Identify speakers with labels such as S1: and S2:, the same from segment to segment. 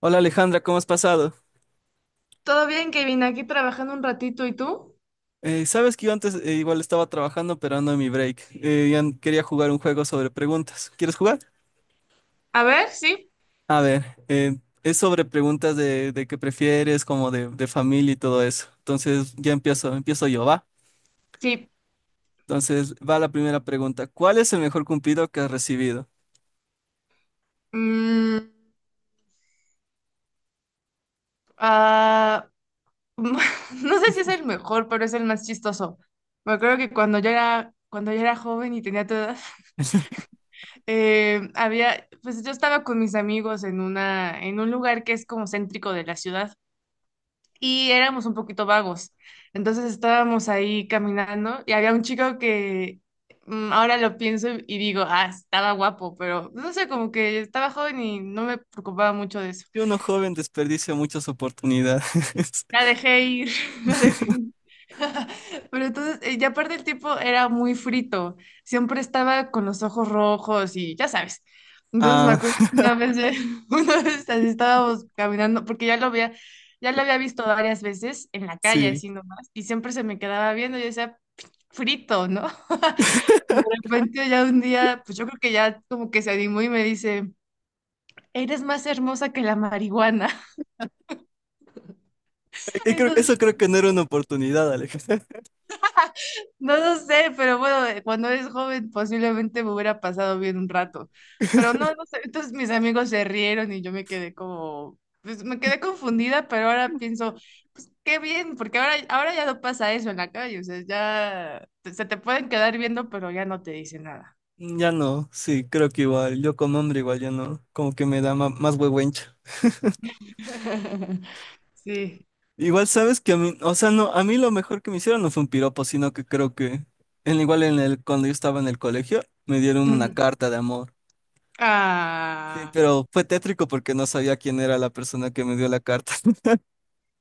S1: Hola Alejandra, ¿cómo has pasado?
S2: Todo bien, Kevin, aquí trabajando un ratito. ¿Y tú?
S1: Sabes que yo antes igual estaba trabajando, pero ando en mi break. Ya quería jugar un juego sobre preguntas. ¿Quieres jugar?
S2: A ver, sí,
S1: A ver, es sobre preguntas de, qué prefieres, como de, familia y todo eso. Entonces ya empiezo, empiezo yo, ¿va?
S2: sí.
S1: Entonces va la primera pregunta. ¿Cuál es el mejor cumplido que has recibido?
S2: Mm, ah, no sé si es el mejor, pero es el más chistoso. Me acuerdo que cuando yo era joven y tenía tu edad, había, pues yo estaba con mis amigos en un lugar que es como céntrico de la ciudad. Y éramos un poquito vagos. Entonces estábamos ahí caminando y había un chico que ahora lo pienso y digo, ah, estaba guapo, pero no sé, como que estaba joven y no me preocupaba mucho de eso.
S1: Y uno joven desperdicia muchas oportunidades.
S2: La dejé ir, la dejé ir. Pero entonces, ya aparte el tiempo era muy frito, siempre estaba con los ojos rojos y ya sabes. Entonces me
S1: Ah,
S2: acuerdo que una vez, una vez así estábamos caminando, porque ya lo había visto varias veces en la calle,
S1: sí.
S2: así nomás, y siempre se me quedaba viendo y yo decía, frito, ¿no? Y de repente ya un día, pues yo creo que ya como que se animó y me dice, eres más hermosa que la marihuana.
S1: Y eso
S2: Entonces
S1: creo que no era una oportunidad, Alejandra.
S2: no lo sé, pero bueno, cuando eres joven posiblemente me hubiera pasado bien un rato, pero no, no sé, entonces mis amigos se rieron y yo me quedé como, pues me quedé confundida, pero ahora pienso, pues qué bien, porque ahora ya no pasa eso en la calle, o sea, ya te- se te pueden quedar viendo, pero ya no te dicen nada.
S1: Mm, ya no, sí, creo que igual, yo como hombre igual ya no, como que me da más huehuencha.
S2: Sí.
S1: Igual sabes que a mí, o sea, no, a mí lo mejor que me hicieron no fue un piropo, sino que creo que, igual cuando yo estaba en el colegio, me dieron una
S2: Ujú.
S1: carta de amor. Sí,
S2: Ah,
S1: pero fue tétrico porque no sabía quién era la persona que me dio la carta.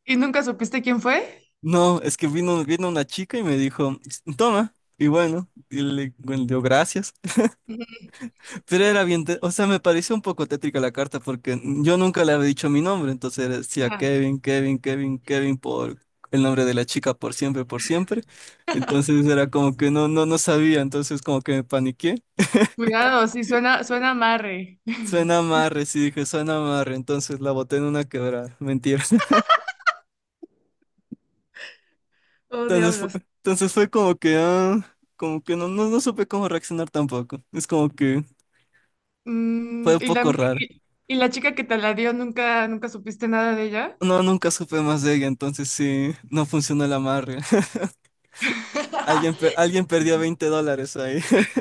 S2: ¿y nunca supiste quién fue?
S1: No, es que vino una chica y me dijo, toma, y bueno, bueno, dio gracias.
S2: Ujú.
S1: Pero era bien, o sea, me pareció un poco tétrica la carta porque yo nunca le había dicho mi nombre, entonces decía
S2: Ah,
S1: Kevin, Kevin, Kevin, Kevin por el nombre de la chica por siempre, por siempre. Entonces era como que no, no, no sabía, entonces como que me paniqué.
S2: cuidado, sí, suena amarre.
S1: Suena amarre, sí dije, suena amarre, entonces la boté en una quebrada, mentira.
S2: Oh,
S1: Entonces fue,
S2: diablos.
S1: entonces fue como que, ah, como que no, no, no supe cómo reaccionar tampoco. Es como que fue
S2: Mm,
S1: un poco raro.
S2: ¿y la chica que te la dio, nunca supiste nada de ella?
S1: No, nunca supe más de ella, entonces sí, no funcionó el amarre. Alguien, pe- alguien perdió $20 ahí.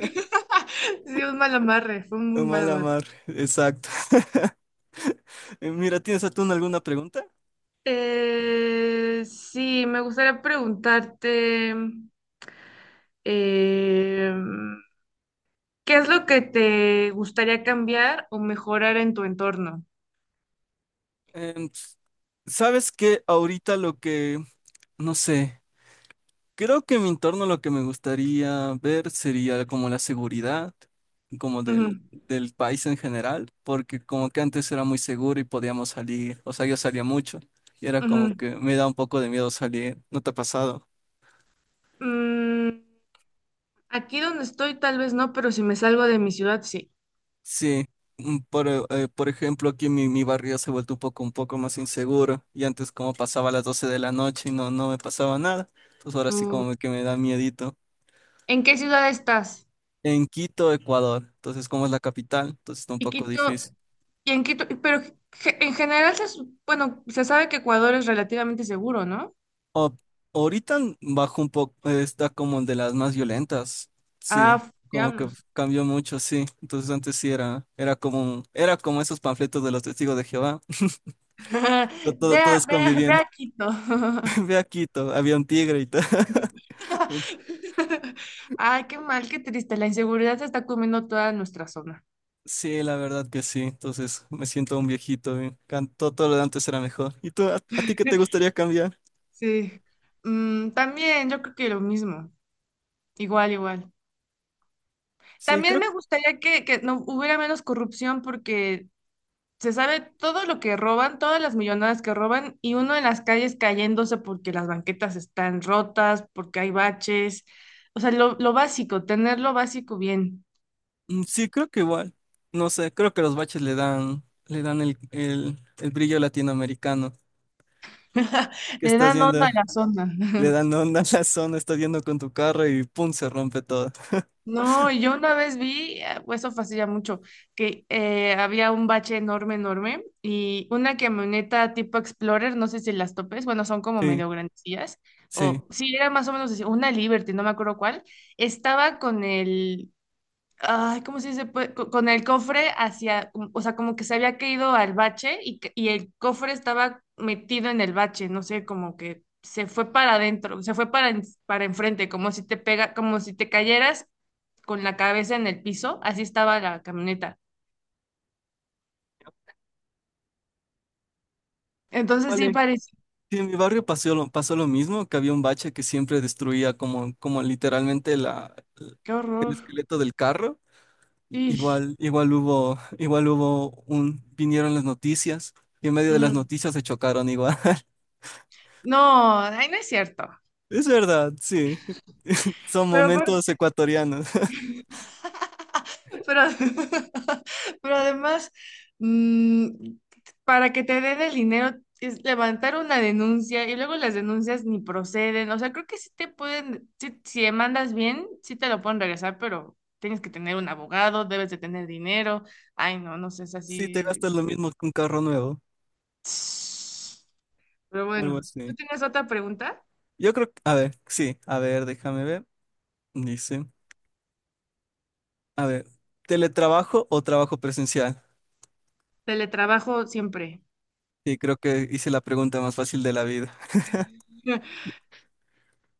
S2: Sí, un mal amarre, fue un muy mal
S1: Mala
S2: amarre.
S1: mar, exacto. Mira, ¿tienes a tú alguna pregunta?
S2: Sí, me gustaría preguntarte, eh, ¿qué es lo que te gustaría cambiar o mejorar en tu entorno?
S1: Em, ¿sabes qué? Ahorita lo que, no sé, creo que en mi entorno lo que me gustaría ver sería como la seguridad, como
S2: Ujú,
S1: del país en general, porque como que antes era muy seguro y podíamos salir, o sea, yo salía mucho y era como
S2: ujú.
S1: que me da un poco de miedo salir, ¿no te ha pasado?
S2: Mm, aquí donde estoy, tal vez no, pero si me salgo de mi ciudad, sí.
S1: Sí, por ejemplo, aquí mi barrio se ha vuelto un poco más inseguro y antes como pasaba a las 12 de la noche y no, no me pasaba nada, pues ahora sí
S2: Mm,
S1: como que me da miedito.
S2: ¿en qué ciudad estás?
S1: En Quito, Ecuador, entonces como es la capital, entonces está un
S2: Y
S1: poco difícil.
S2: Quito, y en Quito, pero ge- en general se, su- bueno, se sabe que Ecuador es relativamente seguro, ¿no?
S1: O- ahorita bajo un poco, está como de las más violentas, sí,
S2: Ah, f-
S1: como que
S2: diablos.
S1: cambió mucho, sí. Entonces antes sí era, era como, era como esos panfletos de los testigos de Jehová, to- todo- todos
S2: Ve a- ve
S1: conviviendo.
S2: a Quito.
S1: Ve a Quito, había un tigre y todo.
S2: Ay, qué mal, qué triste. La inseguridad se está comiendo toda nuestra zona.
S1: Sí, la verdad que sí. Entonces me siento un viejito. Cantó todo todo lo de antes era mejor. ¿Y tú, a ti qué te gustaría cambiar?
S2: Sí. Mm, también yo creo que lo mismo. Igual, igual.
S1: Sí,
S2: También
S1: creo,
S2: me gustaría que no hubiera menos corrupción, porque se sabe todo lo que roban, todas las millonadas que roban y uno en las calles cayéndose porque las banquetas están rotas, porque hay baches. O sea, lo básico, tener lo básico bien.
S1: sí, creo que igual. No sé, creo que los baches le dan el brillo latinoamericano. Que
S2: Le
S1: estás
S2: dan onda
S1: yendo,
S2: a la zona.
S1: le dan onda a la zona, estás yendo con tu carro y pum, se rompe todo.
S2: No, y yo una vez vi, pues eso fue hace ya mucho, que había un bache enorme, enorme y una camioneta tipo Explorer, no sé si las topes, bueno, son como
S1: Sí,
S2: medio grandecillas,
S1: sí.
S2: o sí, era más o menos así, una Liberty, no me acuerdo cuál, estaba con el, ay, ¿cómo se dice? Pues, co- con el cofre hacia, o sea, como que se había caído al bache y, que- y el cofre estaba metido en el bache, no sé, como que se fue para adentro, se fue para, en- para enfrente, como si te pega, como si te cayeras con la cabeza en el piso, así estaba la camioneta. Entonces sí
S1: Vale.
S2: parece,
S1: Sí, en mi barrio pasó lo mismo, que había un bache que siempre destruía como literalmente la,
S2: qué
S1: el
S2: horror.
S1: esqueleto del carro.
S2: Y,
S1: Igual hubo, vinieron las noticias y en medio de las noticias se chocaron igual.
S2: no, ay, no es cierto.
S1: Es verdad, sí. Son
S2: Pero
S1: momentos ecuatorianos.
S2: Pero, pero además, mm, para que te den el dinero es levantar una denuncia y luego las denuncias ni proceden. O sea, creo que sí te pueden, sí- si demandas bien, sí te lo pueden regresar, pero tienes que tener un abogado, debes de tener dinero. Ay, no, no sé, es
S1: Sí, te
S2: así.
S1: gastas lo mismo que un carro nuevo,
S2: Pero
S1: algo
S2: bueno, ¿tú
S1: así.
S2: tienes otra pregunta?
S1: Yo creo que, a ver, sí, a ver, déjame ver. Dice, a ver, ¿teletrabajo o trabajo presencial?
S2: Teletrabajo siempre.
S1: Sí, creo que hice la pregunta más fácil de la vida.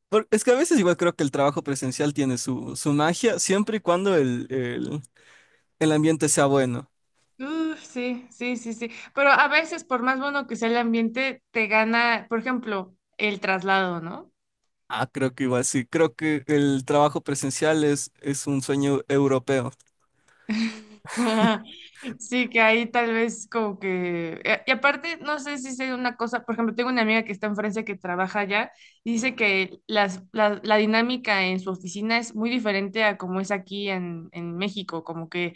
S1: Es que a veces igual creo que el trabajo presencial tiene su magia, siempre y cuando el ambiente sea bueno.
S2: Uf, sí, sí, sí, sí. Pero a veces, por más bueno que sea el ambiente, te gana, por ejemplo, el traslado, ¿no?
S1: Ah, creo que igual sí. Creo que el trabajo presencial es un sueño europeo.
S2: Sí, que ahí tal vez como que... Y y aparte, no sé si sea una cosa, por ejemplo, tengo una amiga que está en Francia que trabaja allá y dice que la dinámica en su oficina es muy diferente a como es aquí en México,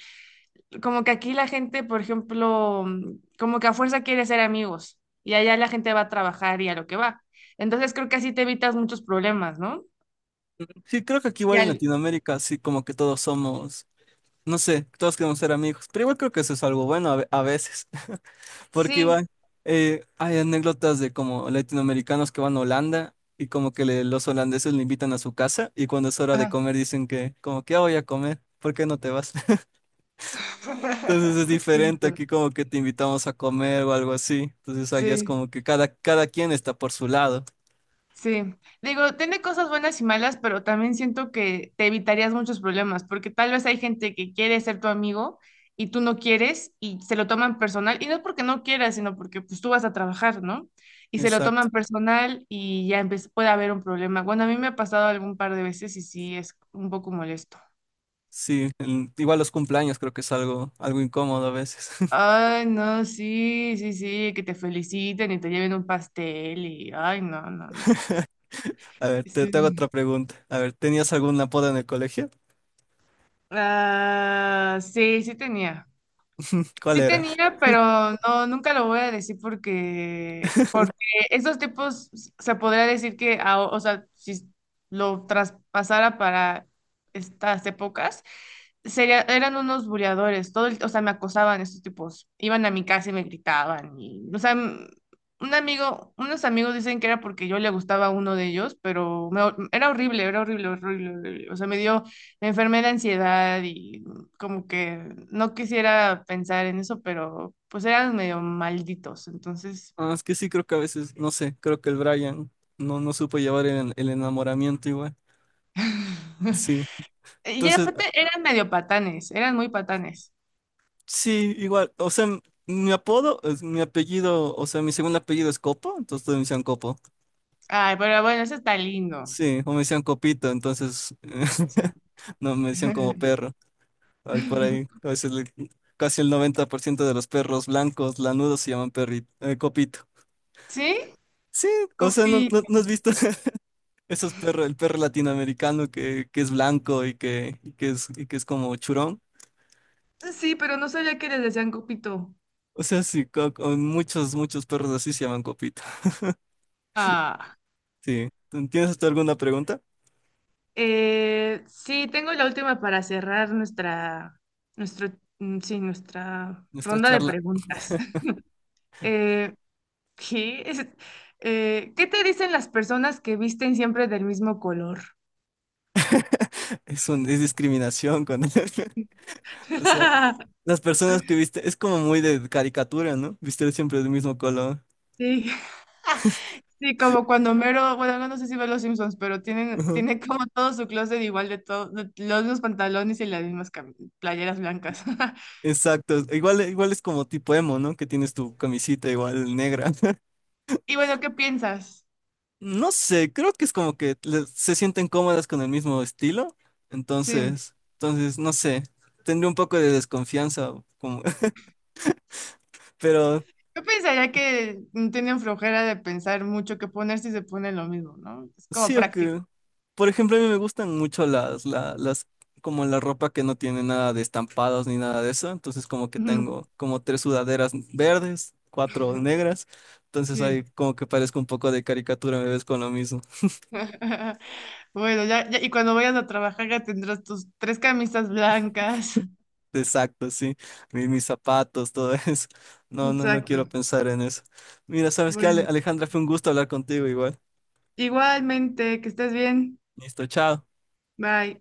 S2: como que aquí la gente, por ejemplo, como que a fuerza quiere ser amigos y allá la gente va a trabajar y a lo que va. Entonces creo que así te evitas muchos problemas, ¿no?
S1: Sí, creo que aquí igual
S2: Ya,
S1: en
S2: el-
S1: Latinoamérica, sí, como que todos somos, no sé, todos queremos ser amigos, pero igual creo que eso es algo bueno a veces, porque
S2: sí,
S1: igual hay anécdotas de como latinoamericanos que van a Holanda y como que los holandeses le invitan a su casa y cuando es hora de
S2: ajá,
S1: comer dicen que como que "Ah, voy a comer, ¿por qué no te vas?" Entonces es
S2: sí,
S1: diferente, aquí como que te invitamos a comer o algo así. Entonces allá es
S2: sí.
S1: como que cada quien está por su lado.
S2: Sí, digo, tiene cosas buenas y malas, pero también siento que te evitarías muchos problemas, porque tal vez hay gente que quiere ser tu amigo y tú no quieres y se lo toman personal, y no es porque no quieras, sino porque pues tú vas a trabajar, ¿no? Y se lo
S1: Exacto,
S2: toman personal y ya empe- puede haber un problema. Bueno, a mí me ha pasado algún par de veces y sí, es un poco molesto.
S1: sí. Igual los cumpleaños creo que es algo incómodo a veces.
S2: Ay, no, sí, sí, sí, que te feliciten y te lleven un pastel y, ay, no, no, no.
S1: A ver, te hago
S2: Sí.
S1: otra pregunta. A ver, ¿tenías algún apodo en el colegio?
S2: Ah, sí, sí tenía.
S1: ¿Cuál
S2: Sí
S1: era?
S2: tenía, pero no, nunca lo voy a decir, porque porque esos tipos se podría decir que, a- o sea, si lo traspasara para estas épocas, sería, eran unos buleadores, todo el- o sea, me acosaban estos tipos, iban a mi casa y me gritaban, y, o sea, m- un amigo, unos amigos dicen que era porque yo le gustaba a uno de ellos, pero me- era horrible, horrible, horrible, o sea, me dio, me enfermé de ansiedad como que no quisiera pensar en eso, pero pues eran medio malditos, entonces...
S1: Ah, es que sí, creo que a veces, no sé, creo que el Brian no, no supo llevar el enamoramiento igual. Sí.
S2: Y
S1: Entonces,
S2: aparte eran medio patanes, eran muy patanes.
S1: sí, igual. O sea, mi apodo, mi apellido, o sea, mi segundo apellido es Copo, entonces todos me decían Copo.
S2: Ay, pero bueno, eso está lindo.
S1: Sí, o me decían Copito, entonces
S2: Sí.
S1: no me decían como perro. Hay por ahí, a veces casi el 90% de los perros blancos lanudos se llaman copito.
S2: ¿Sí?
S1: Sí, o sea, ¿no,
S2: Copi.
S1: no, no has visto esos perros, el perro latinoamericano que es blanco y que es como churón?
S2: Sí, pero no sabía que les decían copito.
S1: O sea, sí, muchos perros así se llaman copito.
S2: Ah.
S1: Sí. ¿Tienes tú alguna pregunta?
S2: Sí, tengo la última para cerrar nuestra, nuestro, sí, nuestra
S1: Nuestra
S2: ronda de
S1: charla
S2: preguntas. Eh, ¿qué? Es- ¿qué te dicen las personas que visten siempre del mismo color?
S1: es discriminación con él. O sea, las personas que viste, es como muy de caricatura, ¿no? Viste siempre del mismo color.
S2: Sí, sí, como cuando Homero, bueno, no sé si ve los Simpsons, pero tienen, tiene como todo su closet igual de todo, de los mismos pantalones y las mismas cam- playeras blancas.
S1: Exacto, igual, igual es como tipo emo, ¿no? Que tienes tu camisita igual negra.
S2: Y bueno, ¿qué piensas?
S1: No sé, creo que es como que se sienten cómodas con el mismo estilo,
S2: Sí.
S1: entonces, no sé, tendría un poco de desconfianza, como, pero
S2: Yo pensaría que tienen flojera de pensar mucho qué poner si se ponen lo mismo, ¿no? Es como
S1: sí o
S2: práctico.
S1: que, por ejemplo, a mí me gustan mucho como la ropa que no tiene nada de estampados ni nada de eso, entonces como que
S2: Ujú,
S1: tengo como tres sudaderas verdes, cuatro negras, entonces
S2: sí.
S1: ahí como que parezco un poco de caricatura, me ves con lo mismo.
S2: Bueno, ya, ya- y cuando vayas a trabajar ya tendrás tus tres camisas blancas.
S1: Exacto, sí. Mis zapatos, todo eso. No, no, no quiero
S2: Exacto.
S1: pensar en eso. Mira, ¿sabes qué,
S2: Bueno,
S1: Alejandra? Fue un gusto hablar contigo igual.
S2: igualmente, que estés bien.
S1: Listo, chao.
S2: Bye.